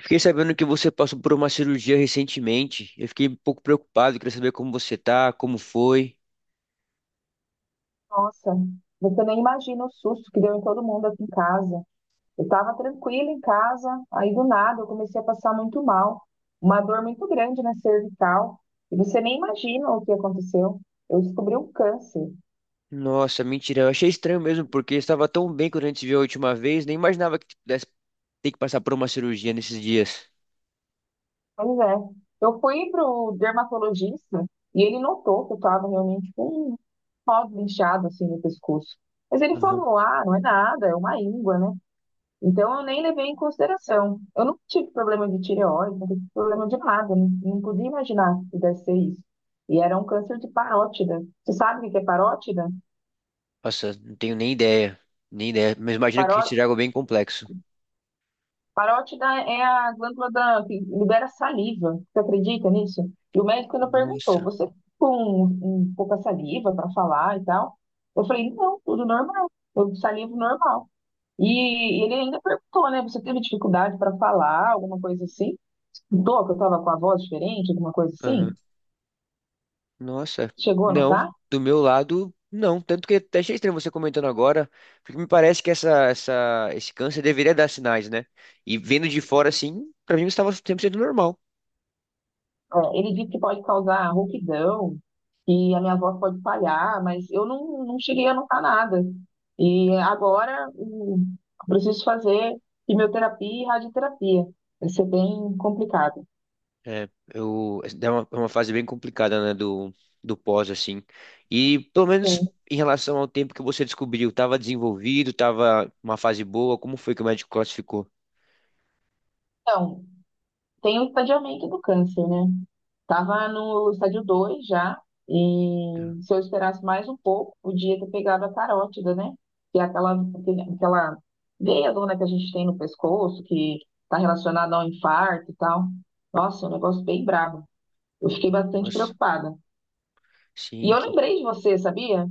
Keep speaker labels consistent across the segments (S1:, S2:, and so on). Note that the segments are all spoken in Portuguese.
S1: Fiquei sabendo que você passou por uma cirurgia recentemente. Eu fiquei um pouco preocupado, queria saber como você tá, como foi.
S2: Nossa, você nem imagina o susto que deu em todo mundo aqui em casa. Eu estava tranquila em casa, aí do nada eu comecei a passar muito mal. Uma dor muito grande na cervical. E você nem imagina o que aconteceu. Eu descobri um câncer.
S1: Nossa, mentira, eu achei estranho mesmo, porque estava tão bem quando a gente se viu a última vez, nem imaginava que pudesse ter que passar por uma cirurgia nesses dias.
S2: Pois é. Eu fui pro dermatologista e ele notou que eu estava realmente com um nódulo inchado assim no pescoço. Mas ele
S1: Aham.
S2: falou: ah, não é nada, é uma íngua, né? Então, eu nem levei em consideração. Eu não tive problema de tireoide, não tive problema de nada, não, não podia imaginar que pudesse ser isso. E era um câncer de parótida. Você sabe o que que é parótida?
S1: Nossa, não tenho nem ideia, nem ideia, mas imagino que seja
S2: Paró...
S1: algo bem complexo.
S2: Parótida é a glândula da... que libera saliva. Você acredita nisso? E o médico ainda perguntou:
S1: Nossa.
S2: você tá com um pouca saliva para falar e tal? Eu falei: não, tudo normal, tudo saliva normal. E ele ainda perguntou, né? Você teve dificuldade para falar, alguma coisa assim? Notou que eu estava com a voz diferente, alguma coisa assim?
S1: Aham. Nossa,
S2: Chegou a
S1: não.
S2: notar?
S1: Do meu lado, não. Tanto que até achei estranho você comentando agora, porque me parece que esse câncer deveria dar sinais, né? E vendo de fora, assim, pra mim estava 100% normal.
S2: É, ele disse que pode causar rouquidão, que a minha voz pode falhar, mas eu não, não cheguei a notar nada. E agora eu preciso fazer quimioterapia e radioterapia. Vai ser bem complicado.
S1: É uma fase bem complicada, né, do pós, assim. E pelo menos
S2: Sim.
S1: em relação ao tempo que você descobriu, estava desenvolvido, estava uma fase boa, como foi que o médico classificou?
S2: Então, tem o estadiamento do câncer, né? Tava no estádio 2 já,
S1: Tá.
S2: e se eu esperasse mais um pouco, podia ter pegado a carótida, né? Que é aquela, aquela veia dona que a gente tem no pescoço, que está relacionada ao infarto e tal. Nossa, é um negócio bem brabo. Eu fiquei bastante
S1: Nossa,
S2: preocupada. E
S1: sim.
S2: eu lembrei de você, sabia?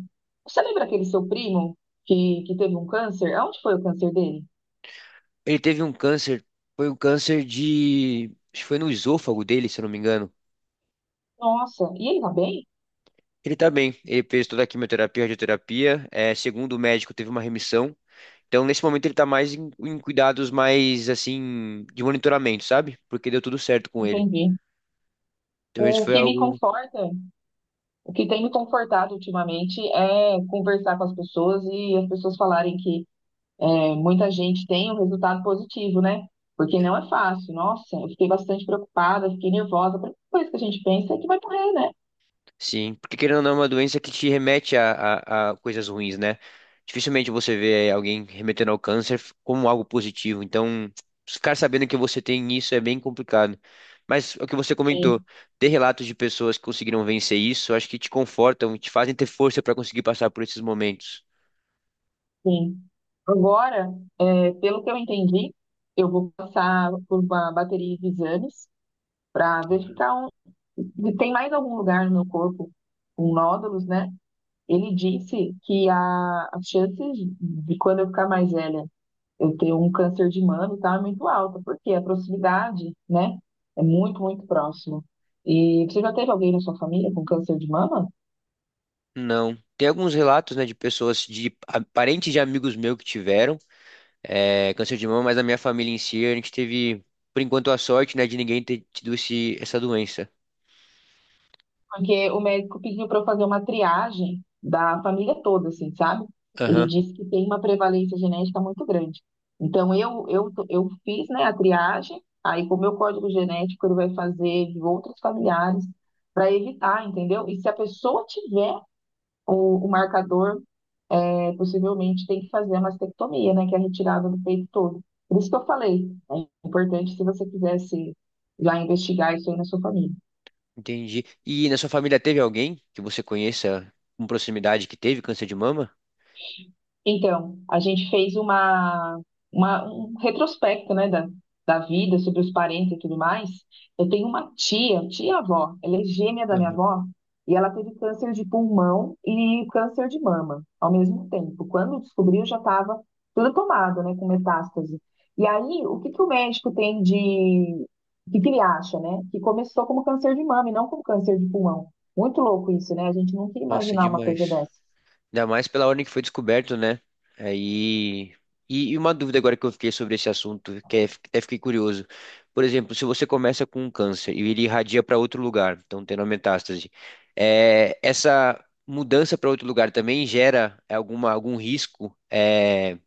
S2: Você lembra aquele seu primo que teve um câncer? Aonde foi o câncer dele?
S1: Ele teve um câncer, foi um câncer de... acho que foi no esôfago dele, se eu não me engano.
S2: Nossa, e ele tá bem?
S1: Ele tá bem, ele fez toda a quimioterapia, radioterapia, é, segundo o médico, teve uma remissão. Então, nesse momento, ele tá mais em cuidados mais, assim, de monitoramento, sabe? Porque deu tudo certo com ele.
S2: Entendi.
S1: Então, isso
S2: O
S1: foi
S2: que me
S1: algo.
S2: conforta, o que tem me confortado ultimamente é conversar com as pessoas e as pessoas falarem que é, muita gente tem um resultado positivo, né? Porque não é fácil. Nossa, eu fiquei bastante preocupada, fiquei nervosa. A primeira coisa que a gente pensa é que vai morrer, né?
S1: Sim, porque querendo ou não, é uma doença que te remete a coisas ruins, né? Dificilmente você vê alguém remetendo ao câncer como algo positivo. Então, ficar sabendo que você tem isso é bem complicado. Mas o que você comentou,
S2: Sim,
S1: ter relatos de pessoas que conseguiram vencer isso, eu acho que te confortam e te fazem ter força para conseguir passar por esses momentos.
S2: sim. Agora, é, pelo que eu entendi, eu vou passar por uma bateria de exames para verificar um, se tem mais algum lugar no meu corpo com nódulos, né? Ele disse que as chances de quando eu ficar mais velha eu ter um câncer de mama tá muito alta, porque a proximidade, né, é muito, muito próximo. E você já teve alguém na sua família com câncer de mama?
S1: Não. Tem alguns relatos, né, de pessoas, de parentes de amigos meus que tiveram é, câncer de mama, mas na minha família em si, a gente teve, por enquanto, a sorte, né, de ninguém ter tido essa doença.
S2: Porque o médico pediu para eu fazer uma triagem da família toda, assim, sabe? Ele
S1: Aham,
S2: disse que tem uma prevalência genética muito grande. Então, eu fiz, né, a triagem, aí com o meu código genético ele vai fazer de outros familiares para evitar, entendeu? E se a pessoa tiver o marcador, é, possivelmente tem que fazer a mastectomia, né, que é a retirada do peito todo. Por isso que eu falei, é importante se você quisesse já investigar isso aí na sua família.
S1: entendi. E na sua família teve alguém que você conheça com proximidade que teve câncer de mama?
S2: Então, a gente fez uma, um retrospecto, né, da vida, sobre os parentes e tudo mais. Eu tenho uma tia, tia-avó, ela é gêmea da minha
S1: Aham.
S2: avó, e ela teve câncer de pulmão e câncer de mama ao mesmo tempo. Quando descobriu, já estava tudo tomado, né, com metástase. E aí, o que que o médico tem de... O que que ele acha, né? Que começou como câncer de mama e não como câncer de pulmão. Muito louco isso, né? A gente nunca ia
S1: Nossa,
S2: imaginar uma coisa
S1: demais.
S2: dessa.
S1: Ainda mais pela ordem que foi descoberto, né? Aí. E uma dúvida agora que eu fiquei sobre esse assunto, que até fiquei curioso. Por exemplo, se você começa com um câncer e ele irradia para outro lugar, então tendo a metástase, é, essa mudança para outro lugar também gera algum risco é,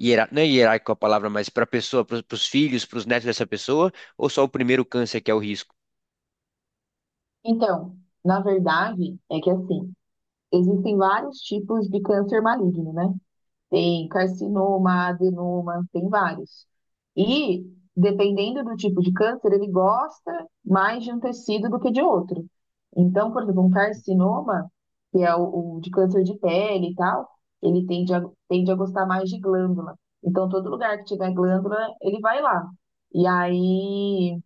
S1: não é hierárquico a palavra, mas para a pessoa, para os filhos, para os netos dessa pessoa, ou só o primeiro câncer que é o risco?
S2: Então, na verdade, é que assim, existem vários tipos de câncer maligno, né? Tem carcinoma, adenoma, tem vários. E, dependendo do tipo de câncer, ele gosta mais de um tecido do que de outro. Então, por exemplo, um carcinoma, que é o de câncer de pele e tal, ele tende a gostar mais de glândula. Então, todo lugar que tiver glândula, ele vai lá. E aí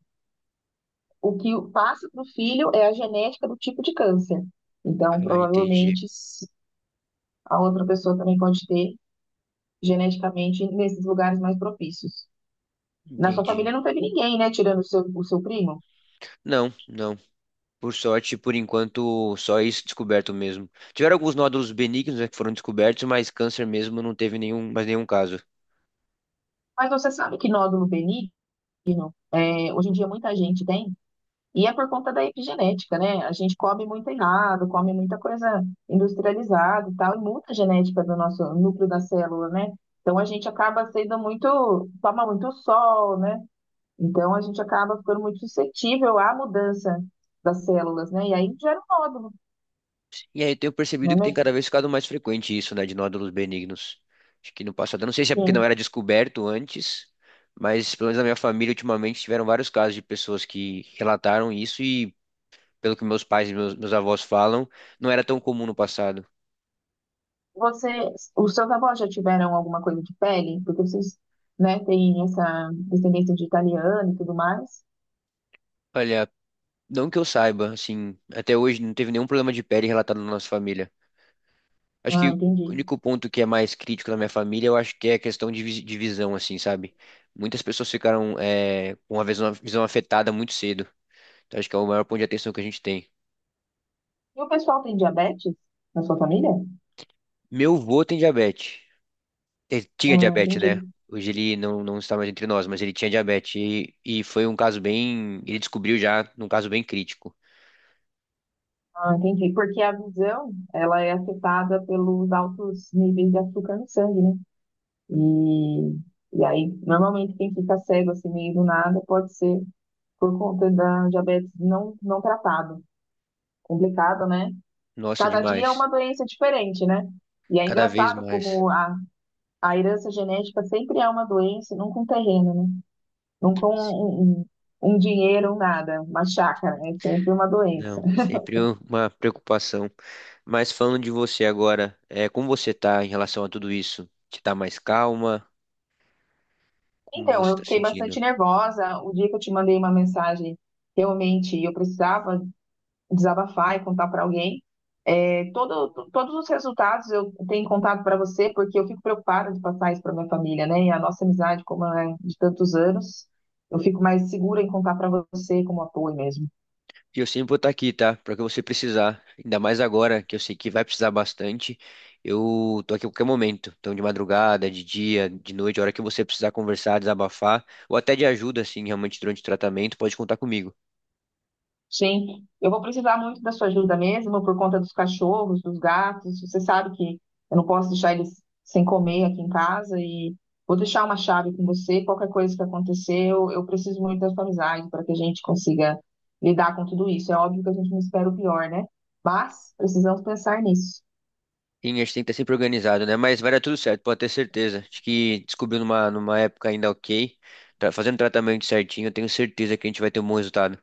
S2: o que passa para o filho é a genética do tipo de câncer. Então,
S1: Ah, entendi,
S2: provavelmente, a outra pessoa também pode ter geneticamente nesses lugares mais propícios. Na sua
S1: entendi.
S2: família não teve ninguém, né, tirando o seu primo.
S1: Não, não. Por sorte, por enquanto, só isso descoberto mesmo. Tiveram alguns nódulos benignos, né, que foram descobertos, mas câncer mesmo não teve nenhum, mais nenhum caso.
S2: Mas você sabe que nódulo benigno, é, hoje em dia muita gente tem, e é por conta da epigenética, né? A gente come muito errado, come muita coisa industrializada e tal, e muita genética do nosso núcleo da célula, né? Então a gente acaba sendo muito, toma muito sol, né? Então, a gente acaba ficando muito suscetível à mudança das células, né? E aí gera um nódulo,
S1: E aí eu tenho
S2: não
S1: percebido
S2: é
S1: que tem cada
S2: mesmo?
S1: vez ficado mais frequente isso, né, de nódulos benignos. Acho que no passado, eu não sei se é porque não
S2: Sim.
S1: era descoberto antes, mas pelo menos na minha família ultimamente tiveram vários casos de pessoas que relataram isso e pelo que meus pais e meus avós falam, não era tão comum no passado.
S2: Você, os seus avós já tiveram alguma coisa de pele? Porque vocês, né, têm essa descendência de italiano e tudo mais.
S1: Olha, não que eu saiba, assim, até hoje não teve nenhum problema de pele relatado na nossa família. Acho que
S2: Ah,
S1: o
S2: entendi.
S1: único ponto que é mais crítico na minha família, eu acho que é a questão de, de visão, assim, sabe? Muitas pessoas ficaram é, com a visão, visão afetada muito cedo. Então, acho que é o maior ponto de atenção que a gente tem.
S2: E o pessoal tem diabetes na sua família?
S1: Meu avô tem diabetes. Ele tinha
S2: Ah,
S1: diabetes, né?
S2: entendi.
S1: Hoje ele não está mais entre nós, mas ele tinha diabetes e foi um caso bem. Ele descobriu já num caso bem crítico.
S2: Ah, entendi. Porque a visão, ela é afetada pelos altos níveis de açúcar no sangue, né? E, e aí, normalmente, quem fica cego assim meio do nada pode ser por conta da diabetes não, não tratado. Complicado, né?
S1: Nossa,
S2: Cada dia é
S1: demais.
S2: uma doença diferente, né? E é
S1: Cada vez
S2: engraçado
S1: mais.
S2: como a herança genética sempre é uma doença, nunca um terreno, né? Nunca um um dinheiro, um nada, uma chácara, é sempre uma doença.
S1: Não, sempre uma preocupação. Mas falando de você agora, é, como você tá em relação a tudo isso? Você tá mais calma? Como
S2: Então,
S1: você
S2: eu
S1: tá
S2: fiquei
S1: sentindo?
S2: bastante nervosa. O dia que eu te mandei uma mensagem, realmente eu precisava desabafar e contar para alguém. É, todos os resultados eu tenho contado para você, porque eu fico preocupada de passar isso para minha família, né? E a nossa amizade, como é de tantos anos, eu fico mais segura em contar para você como apoio mesmo.
S1: E eu sempre vou estar aqui, tá? Pra que você precisar. Ainda mais agora, que eu sei que vai precisar bastante. Eu tô aqui a qualquer momento. Então, de madrugada, de dia, de noite, a hora que você precisar conversar, desabafar, ou até de ajuda, assim, realmente durante o tratamento, pode contar comigo.
S2: Sim, eu vou precisar muito da sua ajuda mesmo, por conta dos cachorros, dos gatos. Você sabe que eu não posso deixar eles sem comer aqui em casa e vou deixar uma chave com você. Qualquer coisa que acontecer, eu preciso muito da sua amizade para que a gente consiga lidar com tudo isso. É óbvio que a gente não espera o pior, né? Mas precisamos pensar nisso.
S1: Sim, a gente tem que estar sempre organizado, né? Mas vai dar tudo certo, pode ter certeza. Acho que descobriu numa época ainda ok, tá fazendo tratamento certinho, eu tenho certeza que a gente vai ter um bom resultado.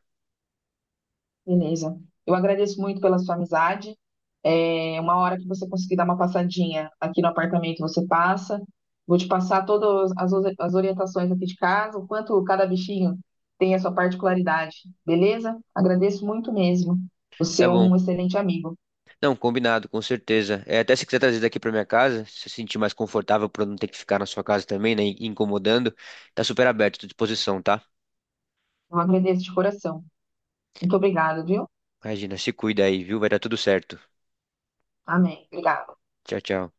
S2: Beleza. Eu agradeço muito pela sua amizade. É uma hora que você conseguir dar uma passadinha aqui no apartamento, você passa. Vou te passar todas as orientações aqui de casa, o quanto cada bichinho tem a sua particularidade, beleza? Agradeço muito mesmo. Você
S1: Tá
S2: é
S1: bom.
S2: um excelente amigo.
S1: Não, combinado, com certeza. É, até se quiser trazer daqui pra minha casa, se você se sentir mais confortável pra não ter que ficar na sua casa também, né? E incomodando, tá super aberto, tô à disposição, tá?
S2: Eu agradeço de coração. Muito obrigado, viu?
S1: Imagina, se cuida aí, viu? Vai dar tudo certo.
S2: Amém. Obrigado.
S1: Tchau, tchau.